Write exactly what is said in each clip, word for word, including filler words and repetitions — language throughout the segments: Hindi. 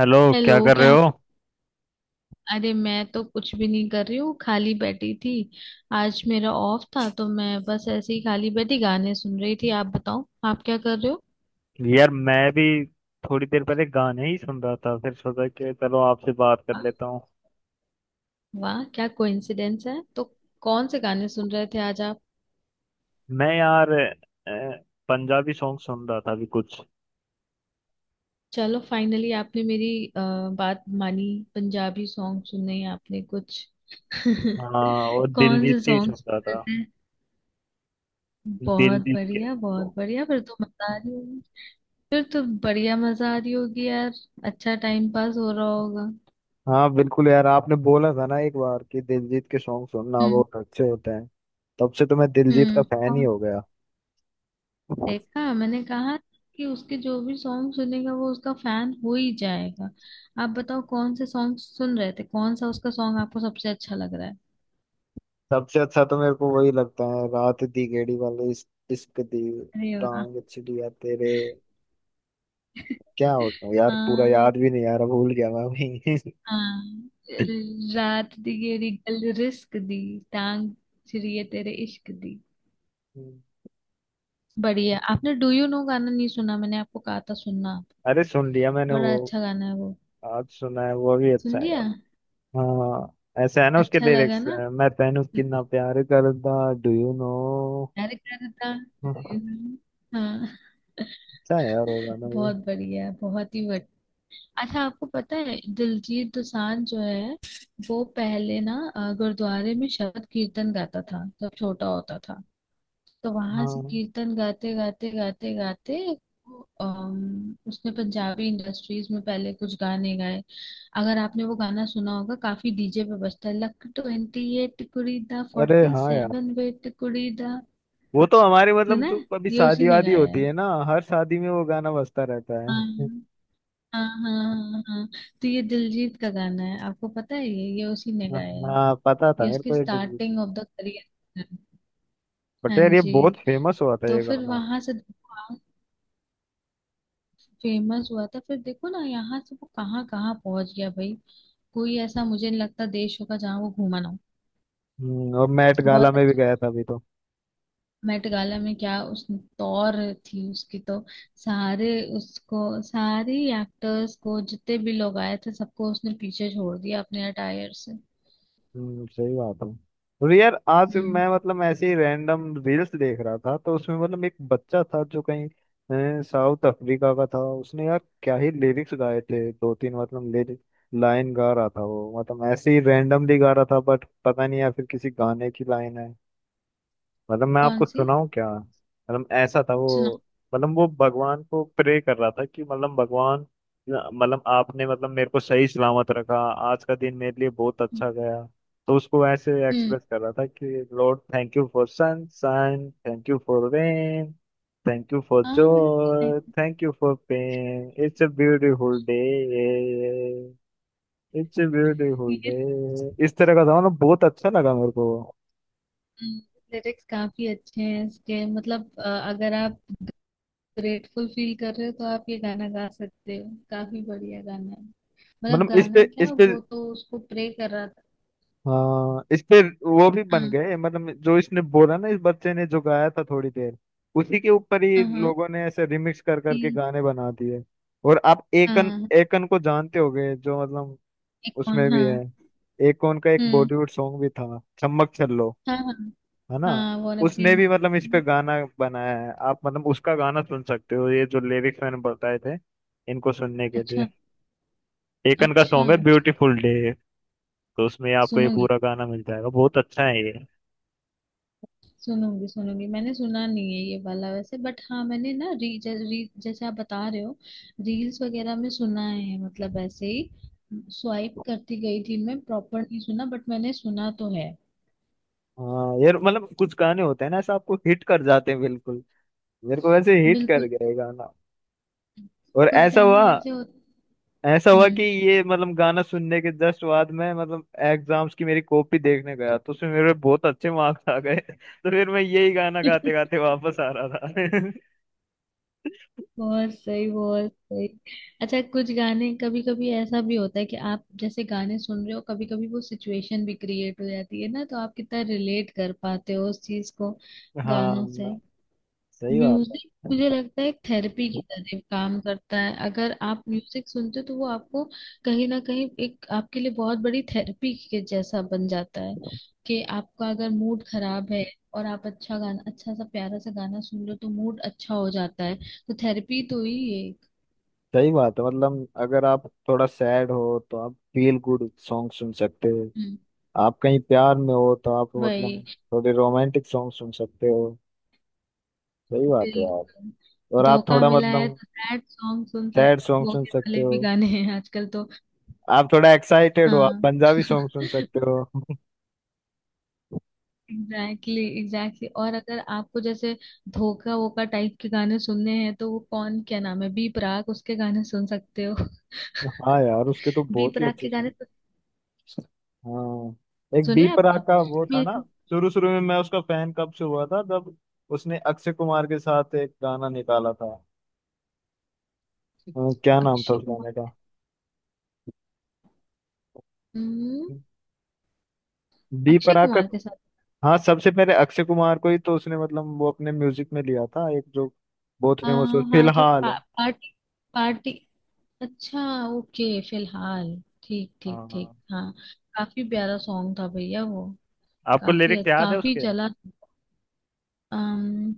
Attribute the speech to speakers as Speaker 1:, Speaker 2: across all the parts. Speaker 1: हेलो, क्या
Speaker 2: हेलो
Speaker 1: कर रहे
Speaker 2: क्या।
Speaker 1: हो।
Speaker 2: अरे मैं तो कुछ भी नहीं कर रही हूँ, खाली बैठी थी। आज मेरा ऑफ था तो मैं बस ऐसे ही खाली बैठी गाने सुन रही थी। आप बताओ, आप क्या कर रहे हो।
Speaker 1: यार मैं भी थोड़ी देर पहले गाने ही सुन रहा था, फिर सोचा कि चलो आपसे बात कर
Speaker 2: वाह।
Speaker 1: लेता हूँ।
Speaker 2: वाह, क्या कोइंसिडेंस है तो। कौन से गाने सुन रहे थे आज आप।
Speaker 1: मैं यार अ, पंजाबी सॉन्ग सुन रहा था अभी कुछ।
Speaker 2: चलो फाइनली आपने मेरी अ, बात मानी। पंजाबी सॉन्ग सुने आपने कुछ।
Speaker 1: हाँ, और
Speaker 2: कौन
Speaker 1: दिलजीत
Speaker 2: से
Speaker 1: के ही सुन
Speaker 2: सॉन्ग
Speaker 1: रहा
Speaker 2: सुन रहे
Speaker 1: था।
Speaker 2: थे। बहुत
Speaker 1: दिलजीत के।
Speaker 2: बढ़िया बहुत बढ़िया, फिर तो मजा आ रही होगी। फिर तो बढ़िया मजा आ रही होगी यार। अच्छा टाइम पास हो रहा होगा।
Speaker 1: हाँ बिल्कुल यार, आपने बोला था ना एक बार कि दिलजीत के सॉन्ग सुनना
Speaker 2: हम्म।
Speaker 1: बहुत अच्छे होते हैं। तब से तो मैं दिलजीत का
Speaker 2: हम्म।
Speaker 1: फैन ही
Speaker 2: और
Speaker 1: हो गया।
Speaker 2: देखा मैंने कहा कि उसके जो भी सॉन्ग सुनेगा वो उसका फैन हो ही जाएगा। आप बताओ कौन से सॉन्ग सुन रहे थे, कौन सा उसका सॉन्ग आपको सबसे अच्छा लग रहा है।
Speaker 1: सबसे अच्छा तो मेरे को वही लगता है, रात दी गेड़ी वाले। इस- इश्क दी
Speaker 2: अरे वाह।
Speaker 1: टांग छिड़िया तेरे, क्या होता है यार, पूरा
Speaker 2: हाँ।
Speaker 1: याद भी नहीं यार, भूल गया मैं अभी।
Speaker 2: हाँ। रात दी गेरी गल रिस्क दी, टांग छिड़िए तेरे इश्क दी। बढ़िया। आपने डू यू नो गाना नहीं सुना? मैंने आपको कहा था सुनना आप।
Speaker 1: अरे सुन लिया मैंने वो,
Speaker 2: बड़ा अच्छा गाना है वो।
Speaker 1: आज सुना है। वो भी अच्छा
Speaker 2: सुन
Speaker 1: है यार।
Speaker 2: लिया।
Speaker 1: हाँ ऐसे है ना उसके
Speaker 2: अच्छा लगा
Speaker 1: लिरिक्स,
Speaker 2: ना।
Speaker 1: मैं तेनू कितना प्यार करदा, डू यू नो।
Speaker 2: प्यार करता। Do you know? हाँ।
Speaker 1: अच्छा है यार वो गाना भी।
Speaker 2: बहुत बढ़िया, बहुत ही बढ़िया। अच्छा आपको पता है दिलजीत दोसांझ जो है, वो पहले ना अ, गुरुद्वारे में शबद कीर्तन गाता था जब छोटा होता था। तो वहां से
Speaker 1: हाँ,
Speaker 2: कीर्तन गाते गाते गाते गाते अम, उसने पंजाबी इंडस्ट्रीज में पहले कुछ गाने गाए। अगर आपने वो गाना सुना होगा, काफी डीजे पे बजता है, लक ट्वेंटी एट कुड़ी दा
Speaker 1: अरे
Speaker 2: फोर्टी
Speaker 1: हाँ यार,
Speaker 2: सेवन वेट कुड़ी दा।
Speaker 1: वो तो हमारे मतलब
Speaker 2: सुना
Speaker 1: जो
Speaker 2: है
Speaker 1: कभी
Speaker 2: ये उसी
Speaker 1: शादी
Speaker 2: ने
Speaker 1: वादी
Speaker 2: गाया
Speaker 1: होती
Speaker 2: है।
Speaker 1: है ना, हर शादी में वो गाना बजता रहता
Speaker 2: हाँ,
Speaker 1: है।
Speaker 2: हाँ हाँ हाँ हाँ। हाँ। तो ये दिलजीत का गाना है, आपको पता है ये ये उसी ने गाया है।
Speaker 1: हाँ, पता था
Speaker 2: ये
Speaker 1: मेरे
Speaker 2: उसकी
Speaker 1: को ये।
Speaker 2: Starting of the career.
Speaker 1: But
Speaker 2: हाँ
Speaker 1: यार ये
Speaker 2: जी।
Speaker 1: बहुत फेमस हुआ था
Speaker 2: तो
Speaker 1: ये
Speaker 2: फिर
Speaker 1: गाना।
Speaker 2: वहां से फेमस हुआ था, फिर देखो ना यहाँ से वो कहाँ कहाँ पहुंच गया भाई। कोई ऐसा मुझे नहीं लगता देश होगा जहाँ वो घूमा ना हो।
Speaker 1: हम्म, और मैट गाला
Speaker 2: बहुत
Speaker 1: में भी
Speaker 2: अच्छा।
Speaker 1: गया था अभी तो।
Speaker 2: मेट गाला में क्या उस तौर थी उसकी तो। सारे उसको सारे एक्टर्स को जितने भी लोग आए थे सबको उसने पीछे छोड़ दिया अपने अटायर से।
Speaker 1: हम्म, सही बात है। और यार आज
Speaker 2: हम्म।
Speaker 1: मैं मतलब ऐसे ही रैंडम रील्स देख रहा था, तो उसमें मतलब एक बच्चा था जो कहीं अ, साउथ अफ्रीका का था। उसने यार क्या ही लिरिक्स गाए थे, दो तीन मतलब लिरिक लाइन गा रहा था वो, मतलब ऐसे ही रैंडमली गा रहा था, बट पता नहीं या फिर किसी गाने की लाइन है। मतलब मैं
Speaker 2: कौन
Speaker 1: आपको
Speaker 2: सी।
Speaker 1: सुनाऊं क्या, मतलब ऐसा था
Speaker 2: सुनाओ।
Speaker 1: वो। मतलब वो भगवान को प्रे कर रहा था कि मतलब भगवान, मतलब आपने मतलब मेरे को सही सलामत रखा, आज का दिन मेरे लिए बहुत
Speaker 2: हम्म।
Speaker 1: अच्छा गया। तो उसको ऐसे एक्सप्रेस कर रहा था कि lord thank you for sunshine, thank you for rain, thank you for
Speaker 2: हाँ मतलब
Speaker 1: joy, thank you for pain, it's a beautiful day, it's a beautiful day. इस तरह का था, मतलब बहुत अच्छा लगा मेरे को।
Speaker 2: लिरिक्स काफी अच्छे हैं इसके, मतलब अ, अगर आप ग्रेटफुल फील कर रहे हो तो आप ये गाना गा सकते हो, काफी बढ़िया गाना है। मतलब
Speaker 1: मतलब इस पे
Speaker 2: गाना क्या,
Speaker 1: इस पे
Speaker 2: वो तो उसको प्रे कर रहा था।
Speaker 1: हाँ इस पे वो भी बन
Speaker 2: हाँ
Speaker 1: गए, मतलब जो इसने बोला ना, इस बच्चे ने जो गाया था थोड़ी देर, उसी के ऊपर ही
Speaker 2: हाँ हाँ।
Speaker 1: लोगों ने ऐसे रिमिक्स कर करके
Speaker 2: कि-
Speaker 1: गाने बना दिए। और आप एकन
Speaker 2: हाँ।
Speaker 1: एकन को जानते होगे जो मतलब
Speaker 2: एक कौन?
Speaker 1: उसमें
Speaker 2: हाँ।
Speaker 1: भी है। एकन का एक
Speaker 2: हम्म।
Speaker 1: बॉलीवुड सॉन्ग भी था चम्मक छल्लो,
Speaker 2: हाँ हाँ।
Speaker 1: है ना।
Speaker 2: हाँ वाना बी।
Speaker 1: उसने भी मतलब इस पे गाना बनाया है, आप मतलब उसका गाना सुन सकते हो ये जो लिरिक्स मैंने बताए थे, इनको सुनने के
Speaker 2: अच्छा।
Speaker 1: लिए। एकन का
Speaker 2: अच्छा।
Speaker 1: सॉन्ग है ब्यूटीफुल डे, तो उसमें आपको ये
Speaker 2: सुनूंगी।
Speaker 1: पूरा गाना मिल जाएगा। बहुत अच्छा है ये।
Speaker 2: सुनूंगी सुनूंगी, मैंने सुना नहीं है ये वाला वैसे, बट हाँ मैंने ना री, ज, री जैसे आप बता रहे हो रील्स वगैरह में सुना है मतलब ऐसे ही। स्वाइप करती गई थी मैं, प्रॉपर नहीं सुना बट मैंने सुना तो है।
Speaker 1: हाँ यार मतलब कुछ गाने होते हैं ना ऐसा, आपको हिट कर जाते हैं बिल्कुल। मेरे को वैसे हिट कर
Speaker 2: बिल्कुल।
Speaker 1: गया ये गाना। और
Speaker 2: कुछ
Speaker 1: ऐसा
Speaker 2: गाने
Speaker 1: हुआ,
Speaker 2: ऐसे होते।
Speaker 1: ऐसा हुआ कि
Speaker 2: हम्म।
Speaker 1: ये मतलब गाना सुनने के जस्ट बाद में, मतलब एग्जाम्स की मेरी कॉपी देखने गया, तो उसमें मेरे बहुत अच्छे मार्क्स आ गए। तो फिर मैं यही गाना गाते गाते वापस आ रहा था।
Speaker 2: बहुत सही बहुत सही। अच्छा कुछ गाने, कभी कभी ऐसा भी होता है कि आप जैसे गाने सुन रहे हो कभी कभी वो सिचुएशन भी क्रिएट हो जाती है ना, तो आप कितना रिलेट कर पाते हो उस चीज को
Speaker 1: हाँ,
Speaker 2: गानों से।
Speaker 1: सही बात।
Speaker 2: म्यूजिक
Speaker 1: है
Speaker 2: मुझे लगता है एक थेरेपी की तरह काम करता है। अगर आप म्यूजिक सुनते हो तो वो आपको कहीं ना कहीं एक आपके लिए बहुत बड़ी थेरेपी के जैसा बन जाता है। कि आपका अगर मूड खराब है और आप अच्छा गाना, अच्छा सा प्यारा सा गाना सुन लो, तो मूड अच्छा हो जाता है। तो थेरेपी तो ही एक।
Speaker 1: सही बात है मतलब, अगर आप थोड़ा सैड हो तो आप फील गुड सॉन्ग सुन सकते हो।
Speaker 2: हम्म,
Speaker 1: आप कहीं प्यार में हो तो आप
Speaker 2: वही।
Speaker 1: मतलब थोड़े रोमांटिक सॉन्ग सुन सकते हो। सही बात है यार।
Speaker 2: बिल्कुल।
Speaker 1: और आप
Speaker 2: धोखा
Speaker 1: थोड़ा
Speaker 2: मिला है
Speaker 1: मतलब
Speaker 2: तो सैड सॉन्ग सुन
Speaker 1: सैड
Speaker 2: सकते,
Speaker 1: सॉन्ग सुन
Speaker 2: धोखे
Speaker 1: सकते
Speaker 2: वाले
Speaker 1: हो।
Speaker 2: भी गाने हैं आजकल तो।
Speaker 1: आप थोड़ा एक्साइटेड हो, आप
Speaker 2: हाँ।
Speaker 1: पंजाबी सॉन्ग सुन सकते हो।
Speaker 2: Exactly exactly, exactly exactly. और अगर आपको जैसे धोखा वोका टाइप के गाने सुनने हैं, तो वो कौन क्या नाम है बी प्राक, उसके गाने सुन सकते हो।
Speaker 1: हाँ यार उसके तो
Speaker 2: बी
Speaker 1: बहुत ही
Speaker 2: प्राक
Speaker 1: अच्छे
Speaker 2: के गाने
Speaker 1: सॉन्ग।
Speaker 2: तो
Speaker 1: हाँ एक
Speaker 2: सुने
Speaker 1: बी
Speaker 2: हैं
Speaker 1: प्राक
Speaker 2: आपने।
Speaker 1: का वो था ना,
Speaker 2: मेरे।
Speaker 1: शुरू शुरू में मैं उसका फैन कब से हुआ था, जब उसने अक्षय कुमार के साथ एक गाना निकाला था। अ, क्या नाम था
Speaker 2: अक्षय
Speaker 1: उस
Speaker 2: कुमार।
Speaker 1: गाने का,
Speaker 2: हम्म।
Speaker 1: बी
Speaker 2: अक्षय
Speaker 1: प्राक का।
Speaker 2: कुमार के साथ।
Speaker 1: हाँ सबसे पहले अक्षय कुमार को ही तो उसने मतलब वो अपने म्यूजिक में लिया था, एक जो बहुत फेमस हुआ
Speaker 2: हाँ हाँ थोड़ा
Speaker 1: फिलहाल।
Speaker 2: पा, पार्टी पार्टी। अच्छा। ओके फिलहाल। ठीक ठीक
Speaker 1: हाँ
Speaker 2: ठीक
Speaker 1: हाँ।
Speaker 2: हाँ। काफी प्यारा सॉन्ग था भैया वो।
Speaker 1: आपको
Speaker 2: काफी
Speaker 1: लिरिक्स याद है
Speaker 2: काफी
Speaker 1: उसके,
Speaker 2: चला। अम,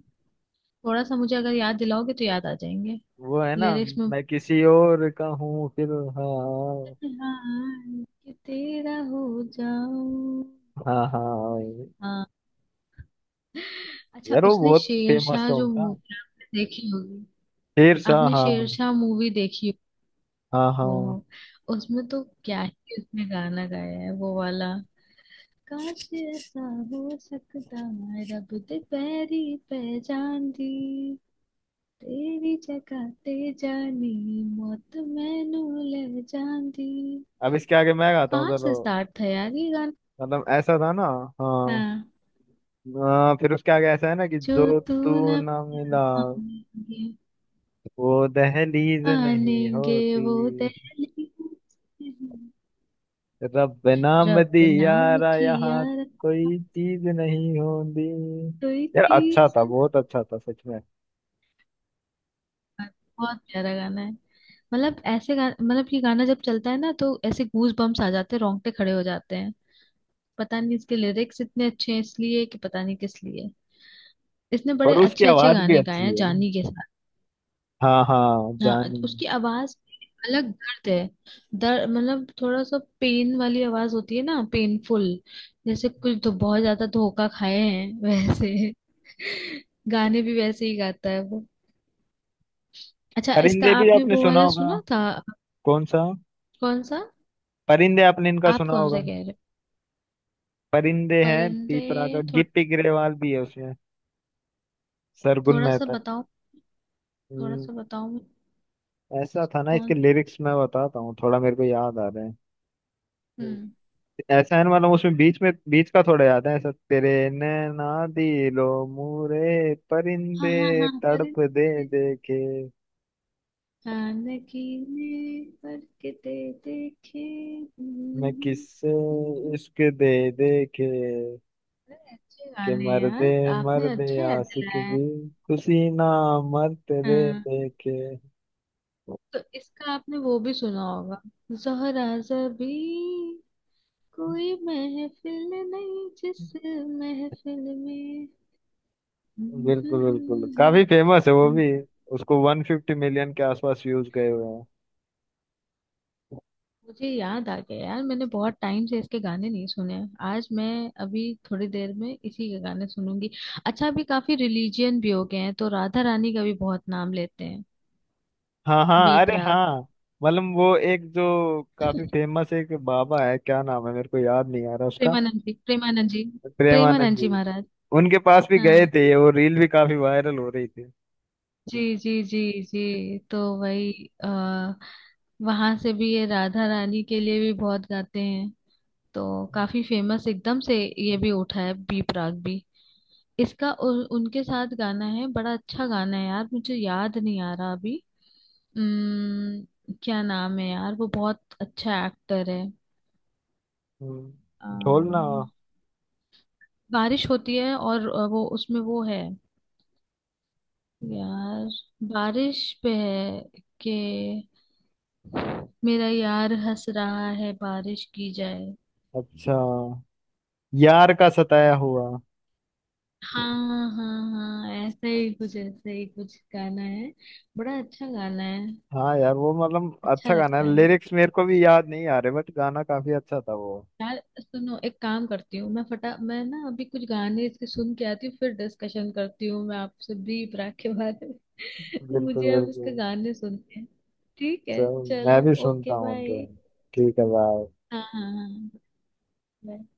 Speaker 2: थोड़ा सा मुझे अगर याद दिलाओगे तो याद आ जाएंगे
Speaker 1: वो है ना,
Speaker 2: लिरिक्स में।
Speaker 1: मैं किसी और का हूँ फिलहाल।
Speaker 2: हाय कि तेरा हो जाऊं।
Speaker 1: हाँ हाँ वही।
Speaker 2: हाँ। अच्छा
Speaker 1: यार वो
Speaker 2: उसने
Speaker 1: बहुत फेमस
Speaker 2: शेरशाह
Speaker 1: सॉन्ग
Speaker 2: जो
Speaker 1: था,
Speaker 2: मूवी आपने देखी होगी।
Speaker 1: शेर शाह।
Speaker 2: आपने
Speaker 1: हाँ
Speaker 2: शेरशाह मूवी देखी।
Speaker 1: हाँ
Speaker 2: हो हो
Speaker 1: हाँ,
Speaker 2: हो, उसमें तो क्या ही उसने गाना गाया है वो वाला। काश ऐसा हो सकता रब दे पैरी पहचान दी, तेरी जगह ते जानी मौत मैनू ले जान दी।
Speaker 1: अब इसके आगे मैं गाता हूँ
Speaker 2: कहाँ
Speaker 1: चलो।
Speaker 2: से स्टार्ट था यार ये गाना।
Speaker 1: मतलब ऐसा था ना, हाँ,
Speaker 2: हाँ।
Speaker 1: हाँ फिर उसके आगे ऐसा है ना कि
Speaker 2: जो
Speaker 1: जो
Speaker 2: तू
Speaker 1: तू
Speaker 2: न
Speaker 1: ना मिला,
Speaker 2: पाएंगे
Speaker 1: वो दहलीज नहीं
Speaker 2: पालेंगे वो
Speaker 1: होती,
Speaker 2: दहलीज में।
Speaker 1: रब नाम
Speaker 2: रब
Speaker 1: दिया
Speaker 2: नाम
Speaker 1: रा
Speaker 2: की
Speaker 1: यहाँ,
Speaker 2: यार
Speaker 1: कोई चीज नहीं होती।
Speaker 2: कोई
Speaker 1: यार अच्छा
Speaker 2: चीज
Speaker 1: था,
Speaker 2: नहीं।
Speaker 1: बहुत अच्छा था सच में।
Speaker 2: बहुत प्यारा गाना है, मतलब ऐसे गा, मतलब ये गाना जब चलता है ना तो ऐसे गूज बम्स आ जाते हैं, रोंगटे खड़े हो जाते हैं। पता नहीं इसके लिरिक्स इतने अच्छे हैं इसलिए कि पता नहीं किस लिए। इसने बड़े
Speaker 1: और उसकी
Speaker 2: अच्छे अच्छे
Speaker 1: आवाज भी
Speaker 2: गाने
Speaker 1: अच्छी
Speaker 2: गाए हैं
Speaker 1: है ना।
Speaker 2: जानी के साथ।
Speaker 1: हाँ हाँ
Speaker 2: हाँ।
Speaker 1: जानी।
Speaker 2: उसकी आवाज अलग दर्द है। दर्द मतलब थोड़ा सा पेन वाली आवाज होती है ना, पेनफुल। जैसे कुछ तो बहुत ज्यादा धोखा खाए हैं वैसे। गाने भी वैसे ही गाता है वो। अच्छा इसका
Speaker 1: परिंदे भी
Speaker 2: आपने
Speaker 1: आपने
Speaker 2: वो
Speaker 1: सुना
Speaker 2: वाला
Speaker 1: होगा।
Speaker 2: सुना था।
Speaker 1: कौन सा,
Speaker 2: कौन सा।
Speaker 1: परिंदे आपने इनका
Speaker 2: आप
Speaker 1: सुना
Speaker 2: कौन
Speaker 1: होगा।
Speaker 2: सा कह रहे हो।
Speaker 1: परिंदे हैं,
Speaker 2: परिंदे
Speaker 1: तीतरा का
Speaker 2: थो,
Speaker 1: गिप्पी गिरेवाल भी है उसमें, सरगुन
Speaker 2: थोड़ा सा
Speaker 1: मेहता।
Speaker 2: बताओ। थोड़ा
Speaker 1: हम्म,
Speaker 2: सा बताओ मुझे।
Speaker 1: ऐसा था ना इसके
Speaker 2: कौन।
Speaker 1: लिरिक्स, मैं बताता हूँ थोड़ा, मेरे को याद आ रहे हैं। हम्म।
Speaker 2: हम्म।
Speaker 1: ऐसा है ना मतलब उसमें बीच में, बीच का थोड़ा याद है, ऐसा तेरे नैना दिलो मूरे
Speaker 2: हाँ
Speaker 1: परिंदे
Speaker 2: हाँ हाँ
Speaker 1: तड़प दे
Speaker 2: परिंदे।
Speaker 1: देखे,
Speaker 2: हाँ नगीने पर के ते देखे। हम्म,
Speaker 1: मैं
Speaker 2: हम्म,
Speaker 1: किससे
Speaker 2: हम्म, हम्म।
Speaker 1: इश्क दे देखे,
Speaker 2: अरे अच्छे
Speaker 1: के
Speaker 2: गाने हैं
Speaker 1: मर्दे,
Speaker 2: यार, आपने
Speaker 1: मर्दे
Speaker 2: अच्छा याद
Speaker 1: आशिक
Speaker 2: दिलाया है।
Speaker 1: भी खुशी ना मर तेरे
Speaker 2: हाँ।
Speaker 1: देखे।
Speaker 2: तो इसका आपने वो भी सुना होगा, जहरा जबी कोई महफिल नहीं जिस महफिल में।
Speaker 1: बिल्कुल बिल्कुल, काफी फेमस है वो भी, उसको वन फिफ्टी मिलियन के आसपास व्यूज गए हुए हैं।
Speaker 2: मुझे याद आ गया यार, मैंने बहुत टाइम से इसके गाने नहीं सुने हैं। आज मैं अभी थोड़ी देर में इसी के गाने सुनूंगी। अच्छा अभी काफी रिलीजियन भी हो गए हैं, तो राधा रानी का भी बहुत नाम लेते हैं
Speaker 1: हाँ
Speaker 2: बी
Speaker 1: हाँ, अरे
Speaker 2: प्राक।
Speaker 1: हाँ, मतलब वो एक जो काफी फेमस एक बाबा है, क्या नाम है मेरे को याद नहीं आ रहा उसका।
Speaker 2: प्रेमानंद जी प्रेमानंद जी।
Speaker 1: प्रेमानंद
Speaker 2: प्रेमानंद जी
Speaker 1: जी,
Speaker 2: महाराज।
Speaker 1: उनके पास भी गए
Speaker 2: हाँ
Speaker 1: थे ये, वो रील भी काफी वायरल हो रही थी।
Speaker 2: जी जी जी। जी तो वही आ, वहां से भी ये राधा रानी के लिए भी बहुत गाते हैं। तो काफी फेमस एकदम से ये भी उठा है बी प्राक भी। इसका उ, उनके साथ गाना है, बड़ा अच्छा गाना है यार, मुझे याद नहीं आ रहा अभी। उम्म, क्या नाम है यार, वो बहुत अच्छा एक्टर है।
Speaker 1: हम्म, ढोलना,
Speaker 2: अम्म, बारिश होती है और अ, वो उसमें वो है यार बारिश पे है के मेरा यार हंस रहा है बारिश की जाए।
Speaker 1: अच्छा, यार का सताया हुआ।
Speaker 2: हाँ हाँ हाँ ऐसे ही कुछ, ऐसे ही कुछ गाना है। बड़ा अच्छा गाना है।
Speaker 1: हाँ यार वो मतलब
Speaker 2: अच्छा
Speaker 1: अच्छा गाना
Speaker 2: लगता
Speaker 1: है,
Speaker 2: है।
Speaker 1: लिरिक्स मेरे को भी याद नहीं आ रहे, बट गाना काफी अच्छा था वो।
Speaker 2: यार सुनो, एक काम करती हूँ मैं फटा, मैं ना अभी कुछ गाने इसके सुन के आती हूँ, फिर डिस्कशन करती हूँ मैं आपसे ब्रीफ राग के बारे में।
Speaker 1: बिल्कुल
Speaker 2: मुझे अब इसके
Speaker 1: बिल्कुल।
Speaker 2: गाने सुनते हैं। ठीक है
Speaker 1: चल मैं
Speaker 2: चलो।
Speaker 1: भी सुनता
Speaker 2: ओके
Speaker 1: हूँ
Speaker 2: बाय।
Speaker 1: उनके। ठीक है, बाय।
Speaker 2: हाँ हाँ हाँ। bye.